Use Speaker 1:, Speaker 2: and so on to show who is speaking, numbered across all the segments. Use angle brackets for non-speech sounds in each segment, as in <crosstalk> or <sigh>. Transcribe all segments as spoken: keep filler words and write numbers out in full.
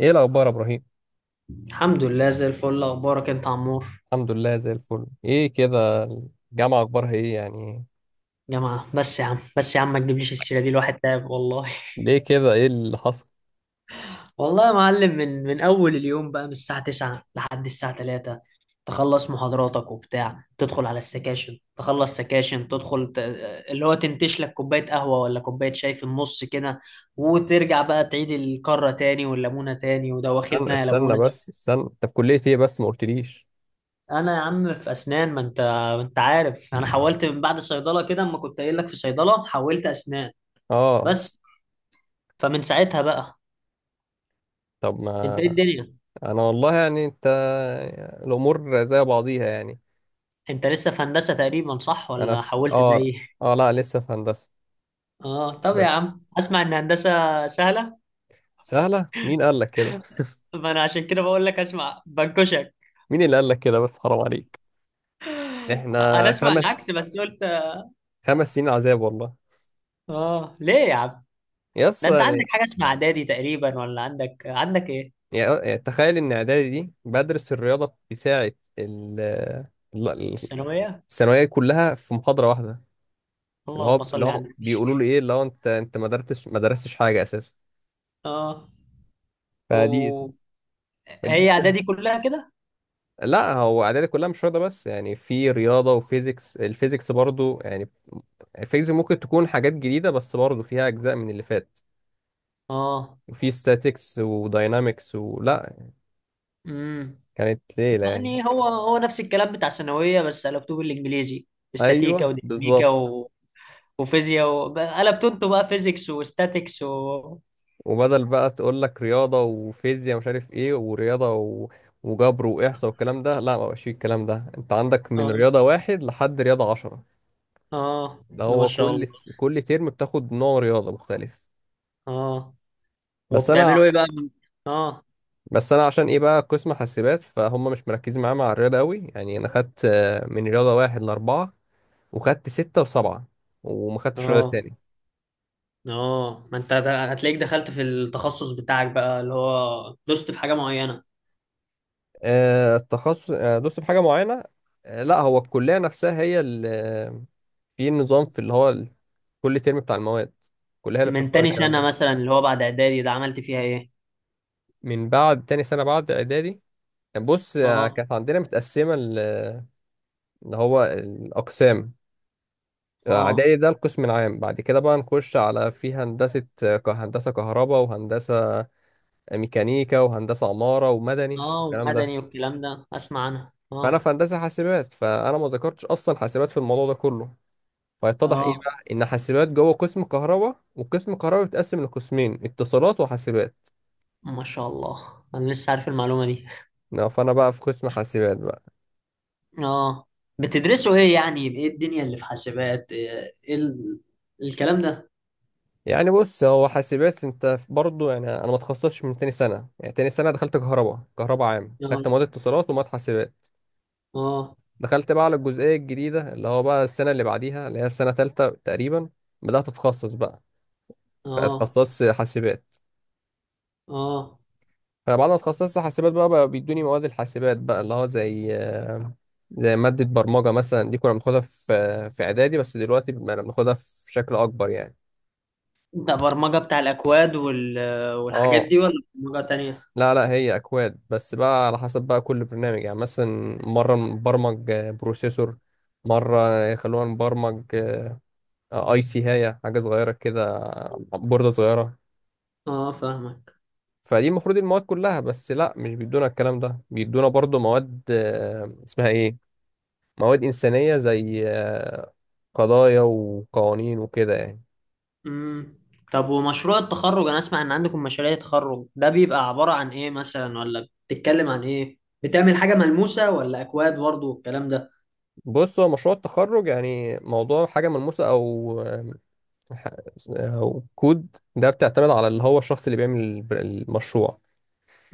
Speaker 1: ايه الاخبار يا ابراهيم؟
Speaker 2: الحمد لله زي الفل. اخبارك انت يا عمور؟
Speaker 1: الحمد لله زي الفل، ايه كده؟ الجامعه اخبارها ايه يعني؟
Speaker 2: جماعه، بس يا عم بس يا عم ما تجيبليش السيره دي. الواحد تعب والله.
Speaker 1: ليه كده، ايه اللي حصل؟
Speaker 2: <laughs> والله يا معلم من من اول اليوم بقى، من الساعه تسعة لحد الساعه ثلاثة. تخلص محاضراتك وبتاع، تدخل على السكاشن، تخلص سكاشن، تدخل ت... اللي هو تنتش لك كوبايه قهوه ولا كوبايه شاي في النص كده، وترجع بقى تعيد الكرة تاني والليمونة تاني، وده
Speaker 1: استنى
Speaker 2: واخدنا يا
Speaker 1: استنى
Speaker 2: ليمونة.
Speaker 1: بس استنى، انت في كليه ايه؟ بس ما قلتليش.
Speaker 2: انا يا عم في اسنان. ما انت ما انت عارف انا حولت من بعد صيدله كده. اما كنت قايل لك في صيدله، حولت اسنان.
Speaker 1: اه،
Speaker 2: بس، فمن ساعتها بقى.
Speaker 1: طب
Speaker 2: انت
Speaker 1: ما...
Speaker 2: ايه الدنيا؟
Speaker 1: انا والله يعني، انت... الامور زي بعضيها يعني.
Speaker 2: انت لسه في هندسة تقريبا صح
Speaker 1: انا
Speaker 2: ولا
Speaker 1: في
Speaker 2: حولت
Speaker 1: اه
Speaker 2: زيي؟
Speaker 1: اه، لا لسه في هندسه.
Speaker 2: اه طب يا
Speaker 1: بس...
Speaker 2: عم، اسمع ان هندسة سهلة.
Speaker 1: سهله، مين قال لك كده؟
Speaker 2: ما انا عشان كده بقول لك، اسمع بنكشك.
Speaker 1: <laughs> مين اللي قال لك كده، بس حرام عليك.
Speaker 2: انا
Speaker 1: احنا
Speaker 2: اسمع
Speaker 1: خمس
Speaker 2: العكس بس قلت.
Speaker 1: خمس سنين عذاب والله.
Speaker 2: اه ليه يا عم؟
Speaker 1: يس
Speaker 2: ده انت عندك
Speaker 1: يعني.
Speaker 2: حاجة اسمها اعدادي تقريبا، ولا عندك عندك ايه؟
Speaker 1: يعني آه، تخيل ان اعدادي دي بدرس الرياضه بتاعه ال- ال- ال-
Speaker 2: الثانوية.
Speaker 1: الثانويه كلها في محاضره واحده. اللي هو
Speaker 2: اللهم
Speaker 1: اللي
Speaker 2: صل على
Speaker 1: هو
Speaker 2: النبي.
Speaker 1: بيقولوا لي ايه، اللي هو انت انت ما درستش ما درستش حاجه اساسا.
Speaker 2: اه.
Speaker 1: فدي
Speaker 2: و-
Speaker 1: فدي
Speaker 2: هي اعدادي كلها كده؟
Speaker 1: لا، هو اعدادي كلها مش رياضه بس، يعني في رياضه وفيزيكس، الفيزيكس برضو يعني الفيزيكس ممكن تكون حاجات جديده بس برضو فيها اجزاء من اللي فات.
Speaker 2: اه،
Speaker 1: وفي statics وداينامكس ولا...
Speaker 2: امم.
Speaker 1: كانت ليله يعني.
Speaker 2: يعني هو هو نفس الكلام بتاع الثانويه، بس على كتب الانجليزي، استاتيكا
Speaker 1: ايوه
Speaker 2: وديناميكا
Speaker 1: بالظبط.
Speaker 2: وفيزياء و... بقى- قلبت انتوا بقى فيزيكس وستاتيكس و...
Speaker 1: وبدل بقى تقول لك رياضة وفيزياء مش عارف ايه، ورياضة و... وجبر وإحصاء والكلام ده، لا ما بقاش فيه الكلام ده، انت عندك من
Speaker 2: اه،
Speaker 1: رياضة واحد لحد رياضة عشرة.
Speaker 2: اه،
Speaker 1: ده
Speaker 2: ما
Speaker 1: هو
Speaker 2: شاء
Speaker 1: كل
Speaker 2: الله.
Speaker 1: س- كل ترم بتاخد نوع رياضة مختلف.
Speaker 2: اه،
Speaker 1: بس انا
Speaker 2: وبتعملوا ايه بقى؟ اه،
Speaker 1: بس انا عشان ايه بقى قسم حاسبات، فهم مش مركزين معايا مع الرياضة قوي يعني. انا خدت آه، من رياضة واحد لأربعة، وخدت ستة وسبعة، وما خدتش رياضة
Speaker 2: اه،
Speaker 1: تاني.
Speaker 2: اه، ما انت ده- هتلاقيك دخلت في التخصص بتاعك بقى، اللي هو دوست في حاجة معينة.
Speaker 1: آه، التخصص، آه، دوست في حاجة معينة. آه، لا هو الكلية نفسها هي اللي... في نظام، في اللي هو ال- كل ترم بتاع المواد الكلية هي اللي
Speaker 2: من
Speaker 1: بتختار
Speaker 2: تاني
Speaker 1: الكلام
Speaker 2: سنة
Speaker 1: ده.
Speaker 2: مثلا، اللي هو بعد اعدادي ده، عملت فيها ايه؟
Speaker 1: من بعد تاني سنة بعد إعدادي، بص آه،
Speaker 2: اه،
Speaker 1: كانت عندنا متقسمة ال- اللي هو الأقسام. آه،
Speaker 2: اه،
Speaker 1: إعدادي ده القسم العام، بعد كده بقى نخش على في هندسة، آه، ك- هندسة كهرباء وهندسة ميكانيكا وهندسة عمارة ومدني
Speaker 2: اه،
Speaker 1: والكلام ده.
Speaker 2: ومدني والكلام ده اسمع عنها.
Speaker 1: فأنا
Speaker 2: اه،
Speaker 1: في هندسة حاسبات، فأنا ما ذكرتش أصلا حاسبات في الموضوع ده كله. فيتضح ايه
Speaker 2: اه،
Speaker 1: بقى، ان حاسبات جوه قسم كهرباء، وقسم كهرباء بيتقسم لقسمين: اتصالات وحاسبات.
Speaker 2: ما شاء الله، انا لسه عارف المعلومة دي.
Speaker 1: نعم، فانا بقى في قسم حاسبات بقى.
Speaker 2: اه، بتدرسوا ايه يعني؟ ايه الدنيا اللي في حاسبات؟ ايه، إيه ال... الكلام ده؟
Speaker 1: يعني بص، هو حاسبات انت برضه يعني، انا ما اتخصصتش من تاني سنه، يعني تاني سنه دخلت كهرباء، كهرباء عام، خدت
Speaker 2: اه،
Speaker 1: مواد اتصالات ومواد حاسبات.
Speaker 2: اه،
Speaker 1: دخلت بقى على الجزئيه الجديده، اللي هو بقى السنه اللي بعديها، اللي هي في سنه تالته تقريبا. بدات اتخصص بقى.
Speaker 2: اه،
Speaker 1: اتخصصت حاسبات.
Speaker 2: اه.
Speaker 1: انا بعد ما اتخصصت حاسبات بقى, بقى بيدوني مواد الحاسبات بقى، اللي هو زي آه، زي مادة برمجة مثلا، دي كنا بناخدها في في اعدادي، بس دلوقتي بقى بناخدها في شكل اكبر يعني.
Speaker 2: انت برمجة بتاع الاكواد وال... والحاجات
Speaker 1: اه.
Speaker 2: دي، ولا برمجة تانية؟
Speaker 1: لا لا، هي اكواد بس بقى على حسب بقى كل برنامج. يعني مثلا مرة نبرمج آه، بروسيسور، مرة يخلونا نبرمج آه، اي سي، هاية حاجة صغيرة كده، آه، بوردة صغيرة.
Speaker 2: اه، فاهمك،
Speaker 1: فدي المفروض المواد كلها، بس لا، مش بيدونا الكلام ده، بيدونا برضو مواد آه، اسمها ايه، مواد إنسانية، زي آه، قضايا وقوانين وكده يعني.
Speaker 2: امم. طب ومشروع التخرج، انا اسمع ان عندكم مشاريع تخرج، ده بيبقى عبارة عن ايه مثلا؟ ولا بتتكلم عن ايه؟ بتعمل حاجة ملموسة ولا اكواد برضه والكلام ده؟
Speaker 1: بص، هو مشروع التخرج يعني موضوع حاجة ملموسة أو آه، ح- أو كود، ده بتعتمد على اللي هو الشخص اللي بيعمل الب- المشروع.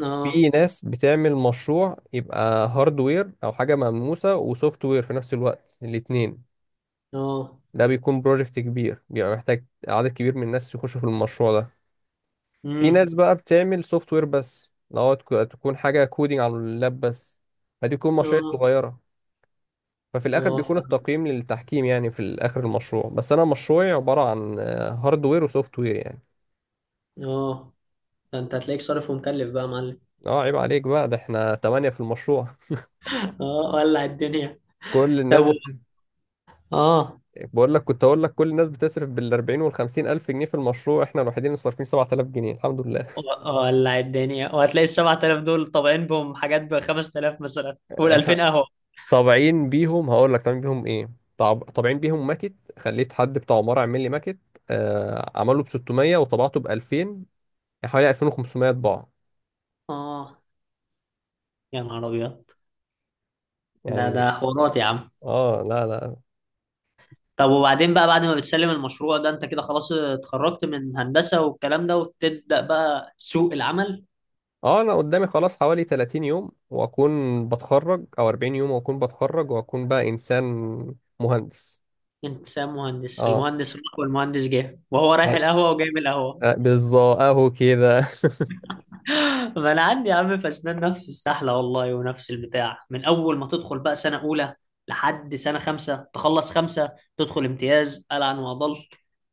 Speaker 2: اه،
Speaker 1: في ناس بتعمل مشروع يبقى هاردوير أو حاجة ملموسة وسوفت وير في نفس الوقت، الاتنين.
Speaker 2: اه،
Speaker 1: ده بيكون بروجكت كبير، بيبقى محتاج عدد كبير من الناس يخشوا في المشروع ده. في
Speaker 2: امم،
Speaker 1: ناس بقى بتعمل سوفت وير بس، لو تك- تكون حاجة كودينج على اللاب بس، فدي تكون مشاريع
Speaker 2: اه،
Speaker 1: صغيرة. ففي الآخر
Speaker 2: اه
Speaker 1: بيكون
Speaker 2: فاهم،
Speaker 1: التقييم للتحكيم يعني، في الآخر المشروع. بس أنا مشروعي عبارة عن هاردوير وسوفت وير يعني.
Speaker 2: اه. ده انت هتلاقيك صارف ومكلف بقى يا معلم.
Speaker 1: اه، عيب عليك بقى، ده احنا تمانية في المشروع.
Speaker 2: اه، ولع الدنيا.
Speaker 1: <laughs> كل
Speaker 2: طب
Speaker 1: الناس
Speaker 2: و-
Speaker 1: بت...
Speaker 2: اه.
Speaker 1: بقول لك كنت أقول لك كل الناس بتصرف بالأربعين والخمسين ألف جنيه في المشروع، احنا الوحيدين اللي صارفين سبعة آلاف جنيه، الحمد لله.
Speaker 2: و- ولع الدنيا. وهتلاقي ال سبع تلاف دول طابعين بهم حاجات ب خمس تلاف مثلا، وال ألفين
Speaker 1: <laughs>
Speaker 2: قهوه.
Speaker 1: طابعين بيهم هقول لك طابعين بيهم ايه، طاب- طابعين بيهم ماكت، خليت حد بتاع عمارة يعمل لي ماكت، آه عمله ب ستمية وطبعته ب ألفين، يعني حوالي ألفين وخمسمية طباعة
Speaker 2: اه يا نهار ابيض، ده ده
Speaker 1: يعني.
Speaker 2: حوارات يا عم.
Speaker 1: اه، لا لا.
Speaker 2: طب وبعدين بقى، بعد ما بتسلم المشروع ده، انت كده خلاص اتخرجت من هندسه والكلام ده، وتبدا بقى سوق العمل.
Speaker 1: اه، انا قدامي خلاص حوالي ثلاثين يوم واكون بتخرج، او أربعين يوم واكون بتخرج، واكون بقى انسان مهندس.
Speaker 2: انت سام مهندس؟
Speaker 1: اه،
Speaker 2: المهندس راح والمهندس جه، وهو رايح
Speaker 1: طيب.
Speaker 2: القهوه وجاي من القهوه.
Speaker 1: آه، بالظبط اهو كده. <laughs>
Speaker 2: ما انا عندي يا عم في اسنان نفس السحله والله ونفس البتاع، من اول ما تدخل بقى سنه اولى لحد سنه خمسه، تخلص خمسه تدخل امتياز العن واضل،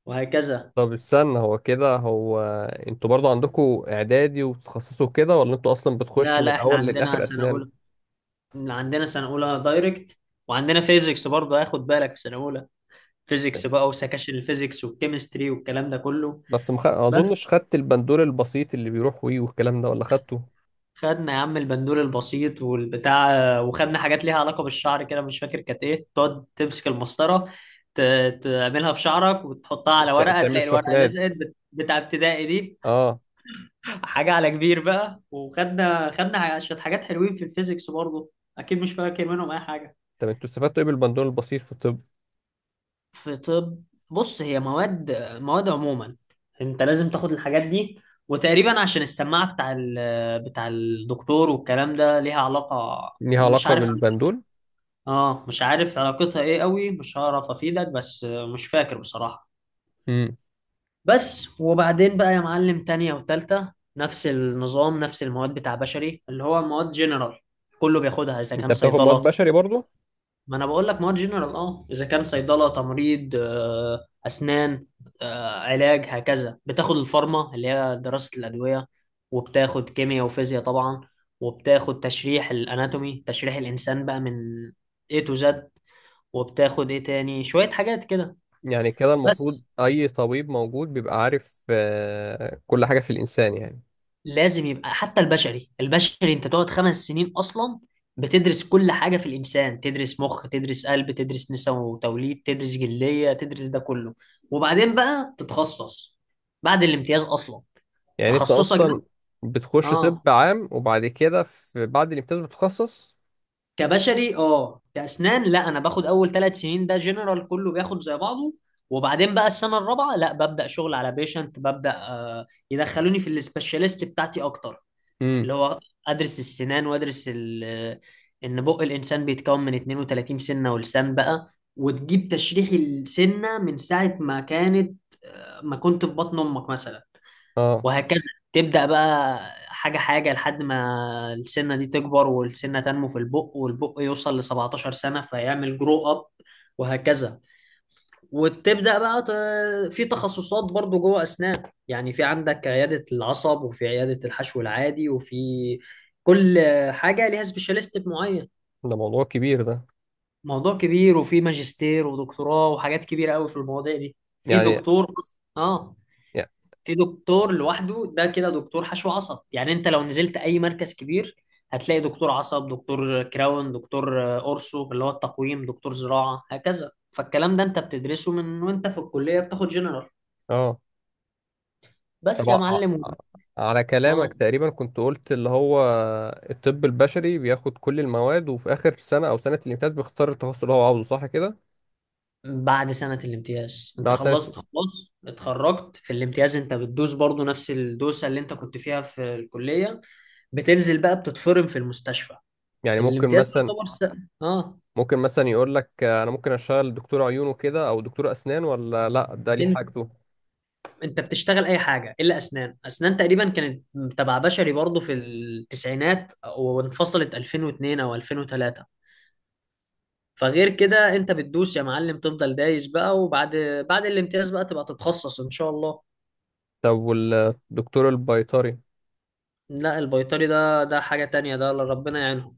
Speaker 2: وهكذا.
Speaker 1: طب استنى، هو كده، هو انتوا برضو عندكم اعدادي وتخصصوا كده، ولا انتوا اصلا بتخش
Speaker 2: لا
Speaker 1: من
Speaker 2: لا، احنا
Speaker 1: الاول
Speaker 2: عندنا
Speaker 1: للاخر
Speaker 2: سنه اولى.
Speaker 1: اسنان؟
Speaker 2: عندنا سنه اولى دايركت. وعندنا فيزيكس برضه، هاخد بالك، في سنه اولى فيزيكس بقى وسكاشن الفيزيكس والكيمستري والكلام ده كله.
Speaker 1: بس مخ... اظنش
Speaker 2: بس،
Speaker 1: خدت البندول البسيط اللي بيروح وي والكلام ده، ولا خدته؟
Speaker 2: خدنا يا عم البندول البسيط والبتاع. وخدنا حاجات ليها علاقة بالشعر كده، مش فاكر كانت ايه، تقعد تمسك المسطرة ت- تعملها في شعرك وتحطها على
Speaker 1: بتاع-
Speaker 2: ورقة،
Speaker 1: بتعمل
Speaker 2: تلاقي الورقة
Speaker 1: الشحنات دي.
Speaker 2: لزقت، بت- بتاع ابتدائي دي،
Speaker 1: اه.
Speaker 2: حاجة على كبير بقى. وخدنا خدنا ح- شوية حاجات حلوين في الفيزيكس برضه، أكيد مش فاكر منهم أي حاجة.
Speaker 1: طب انتوا استفدتوا ايه بالبندول البسيط في الطب؟
Speaker 2: في طب، بص هي مواد، مواد عموما، أنت لازم تاخد الحاجات دي. وتقريبا عشان السماعة بتاع ال- بتاع الدكتور والكلام ده ليها علاقة.
Speaker 1: ليها
Speaker 2: مش
Speaker 1: علاقة
Speaker 2: عارف.
Speaker 1: بالبندول.
Speaker 2: اه، مش عارف علاقتها ايه قوي، مش هعرف افيدك، بس آه، مش فاكر بصراحة.
Speaker 1: امم.
Speaker 2: بس وبعدين بقى يا معلم، تانية وتالتة نفس النظام، نفس المواد بتاع بشري، اللي هو مواد جنرال كله بياخدها، اذا
Speaker 1: انت
Speaker 2: كان
Speaker 1: بتاخد مواد
Speaker 2: صيدلة.
Speaker 1: بشري برضو؟
Speaker 2: ما انا بقول لك مواد جنرال. اه، اذا كان صيدلة، تمريض، آه، اسنان، آه، علاج، هكذا. بتاخد الفارما، اللي هي دراسة الأدوية، وبتاخد كيمياء وفيزياء طبعا، وبتاخد تشريح الاناتومي، تشريح الانسان بقى من A to Z. وبتاخد ايه تاني، شوية حاجات كده.
Speaker 1: يعني كده المفروض
Speaker 2: بس
Speaker 1: اي طبيب موجود بيبقى عارف آه كل حاجة في الانسان يعني.
Speaker 2: لازم يبقى. حتى البشري البشري انت تقعد خمس سنين اصلا، بتدرس كل حاجة في الانسان. تدرس مخ، تدرس قلب، تدرس نساء وتوليد، تدرس جلدية، تدرس ده كله، وبعدين بقى تتخصص بعد الامتياز اصلا.
Speaker 1: يعني انت
Speaker 2: تخصصك
Speaker 1: اصلا
Speaker 2: ده،
Speaker 1: بتخش طب
Speaker 2: اه،
Speaker 1: عام، وبعد كده في بعد الامتياز بتتخصص؟
Speaker 2: كبشري اه، كاسنان لا. انا باخد اول ثلاث سنين ده جنرال، كله بياخد زي بعضه. وبعدين بقى السنة الرابعة لا، ببدأ شغل على بيشنت، ببدأ آه، يدخلوني في السبيشاليست بتاعتي اكتر، اللي
Speaker 1: امم.
Speaker 2: هو ادرس السنان وادرس ال- ان بق الانسان بيتكون من اتنين وتلاتين سنه ولسان بقى، وتجيب تشريح السنه من ساعه ما كانت، آه، ما كنت في بطن امك مثلا،
Speaker 1: اه.
Speaker 2: وهكذا. تبدا بقى حاجه حاجه، لحد ما السنه دي تكبر والسنه تنمو في البق، والبق يوصل ل سبعتاشر سنه فيعمل جرو اب، وهكذا. وتبدأ بقى ت- في تخصصات برضو جوه أسنان. يعني في عندك عيادة العصب، وفي عيادة الحشو العادي، وفي كل حاجة ليها سبيشاليست معين.
Speaker 1: ده موضوع كبير ده.
Speaker 2: موضوع كبير، وفي ماجستير ودكتوراه وحاجات كبيرة قوي في المواضيع دي. في
Speaker 1: يعني
Speaker 2: دكتور أص- اه
Speaker 1: يع-
Speaker 2: في دكتور لوحده، ده كده دكتور حشو عصب. يعني انت لو نزلت اي مركز كبير، هتلاقي دكتور عصب، دكتور كراون، دكتور آه، اورسو اللي هو التقويم، دكتور زراعة، هكذا. فالكلام ده انت بتدرسه من وانت في الكلية بتاخد جنرال.
Speaker 1: اه، طب
Speaker 2: بس يا
Speaker 1: ع- ع-
Speaker 2: معلم.
Speaker 1: على كلامك
Speaker 2: اه،
Speaker 1: تقريبا كنت قلت اللي هو الطب البشري بياخد كل المواد، وفي آخر سنة أو سنة الامتياز بيختار التخصص اللي هو عاوزه، صح كده؟
Speaker 2: بعد سنة الامتياز انت
Speaker 1: مع
Speaker 2: خلصت
Speaker 1: سنة.
Speaker 2: خلاص، اتخرجت في الامتياز، انت بتدوس برضو نفس الدوسة اللي انت كنت فيها في الكلية. بتنزل بقى بتتفرم في المستشفى.
Speaker 1: يعني ممكن
Speaker 2: الامتياز
Speaker 1: مثلا...
Speaker 2: يعتبر س... اه.
Speaker 1: ممكن مثلا يقول لك آه، أنا ممكن أشتغل دكتور عيون وكده، أو دكتور أسنان، ولا لأ، ده ليه
Speaker 2: انت
Speaker 1: حاجته؟
Speaker 2: انت بتشتغل اي حاجة الا اسنان. اسنان تقريبا كانت تبع بشري برضو في التسعينات، وانفصلت ألفين واتنين او ألفين وتلاتة. فغير كده انت بتدوس يا معلم، تفضل دايس بقى. وبعد بعد الامتياز بقى تبقى تتخصص ان شاء الله.
Speaker 1: طب والدكتور البيطري؟
Speaker 2: لا البيطري ده ده حاجة تانية، ده الله ربنا يعينهم.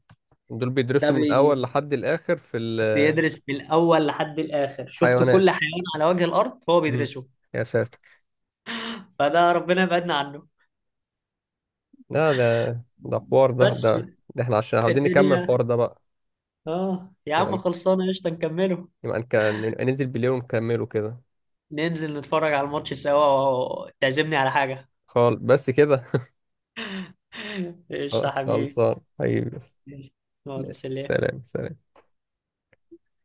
Speaker 1: دول
Speaker 2: ده
Speaker 1: بيدرسوا من
Speaker 2: بي
Speaker 1: الأول لحد الآخر في
Speaker 2: بيدرس من الأول لحد الآخر، شفت،
Speaker 1: الحيوانات.
Speaker 2: كل حيوان على وجه الأرض هو
Speaker 1: مم.
Speaker 2: بيدرسه.
Speaker 1: يا ساتر.
Speaker 2: فده ربنا يبعدنا عنه.
Speaker 1: لا، ده... ده حوار، ده
Speaker 2: بس.
Speaker 1: ده ده احنا عشان عاوزين نكمل
Speaker 2: الدنيا.
Speaker 1: الحوار ده بقى.
Speaker 2: اه يا عم
Speaker 1: يبقى
Speaker 2: خلصانة، قشطة نكمله.
Speaker 1: يبقى نك- ننزل بالليل ونكمله كده.
Speaker 2: ننزل نتفرج على الماتش سوا، تعزمني على حاجة.
Speaker 1: خال بس كده.
Speaker 2: <laughs> قشطة
Speaker 1: <laughs>
Speaker 2: حبيبي.
Speaker 1: خلصان حبيبي.
Speaker 2: يلا
Speaker 1: ماشي،
Speaker 2: سلام.
Speaker 1: سلام سلام.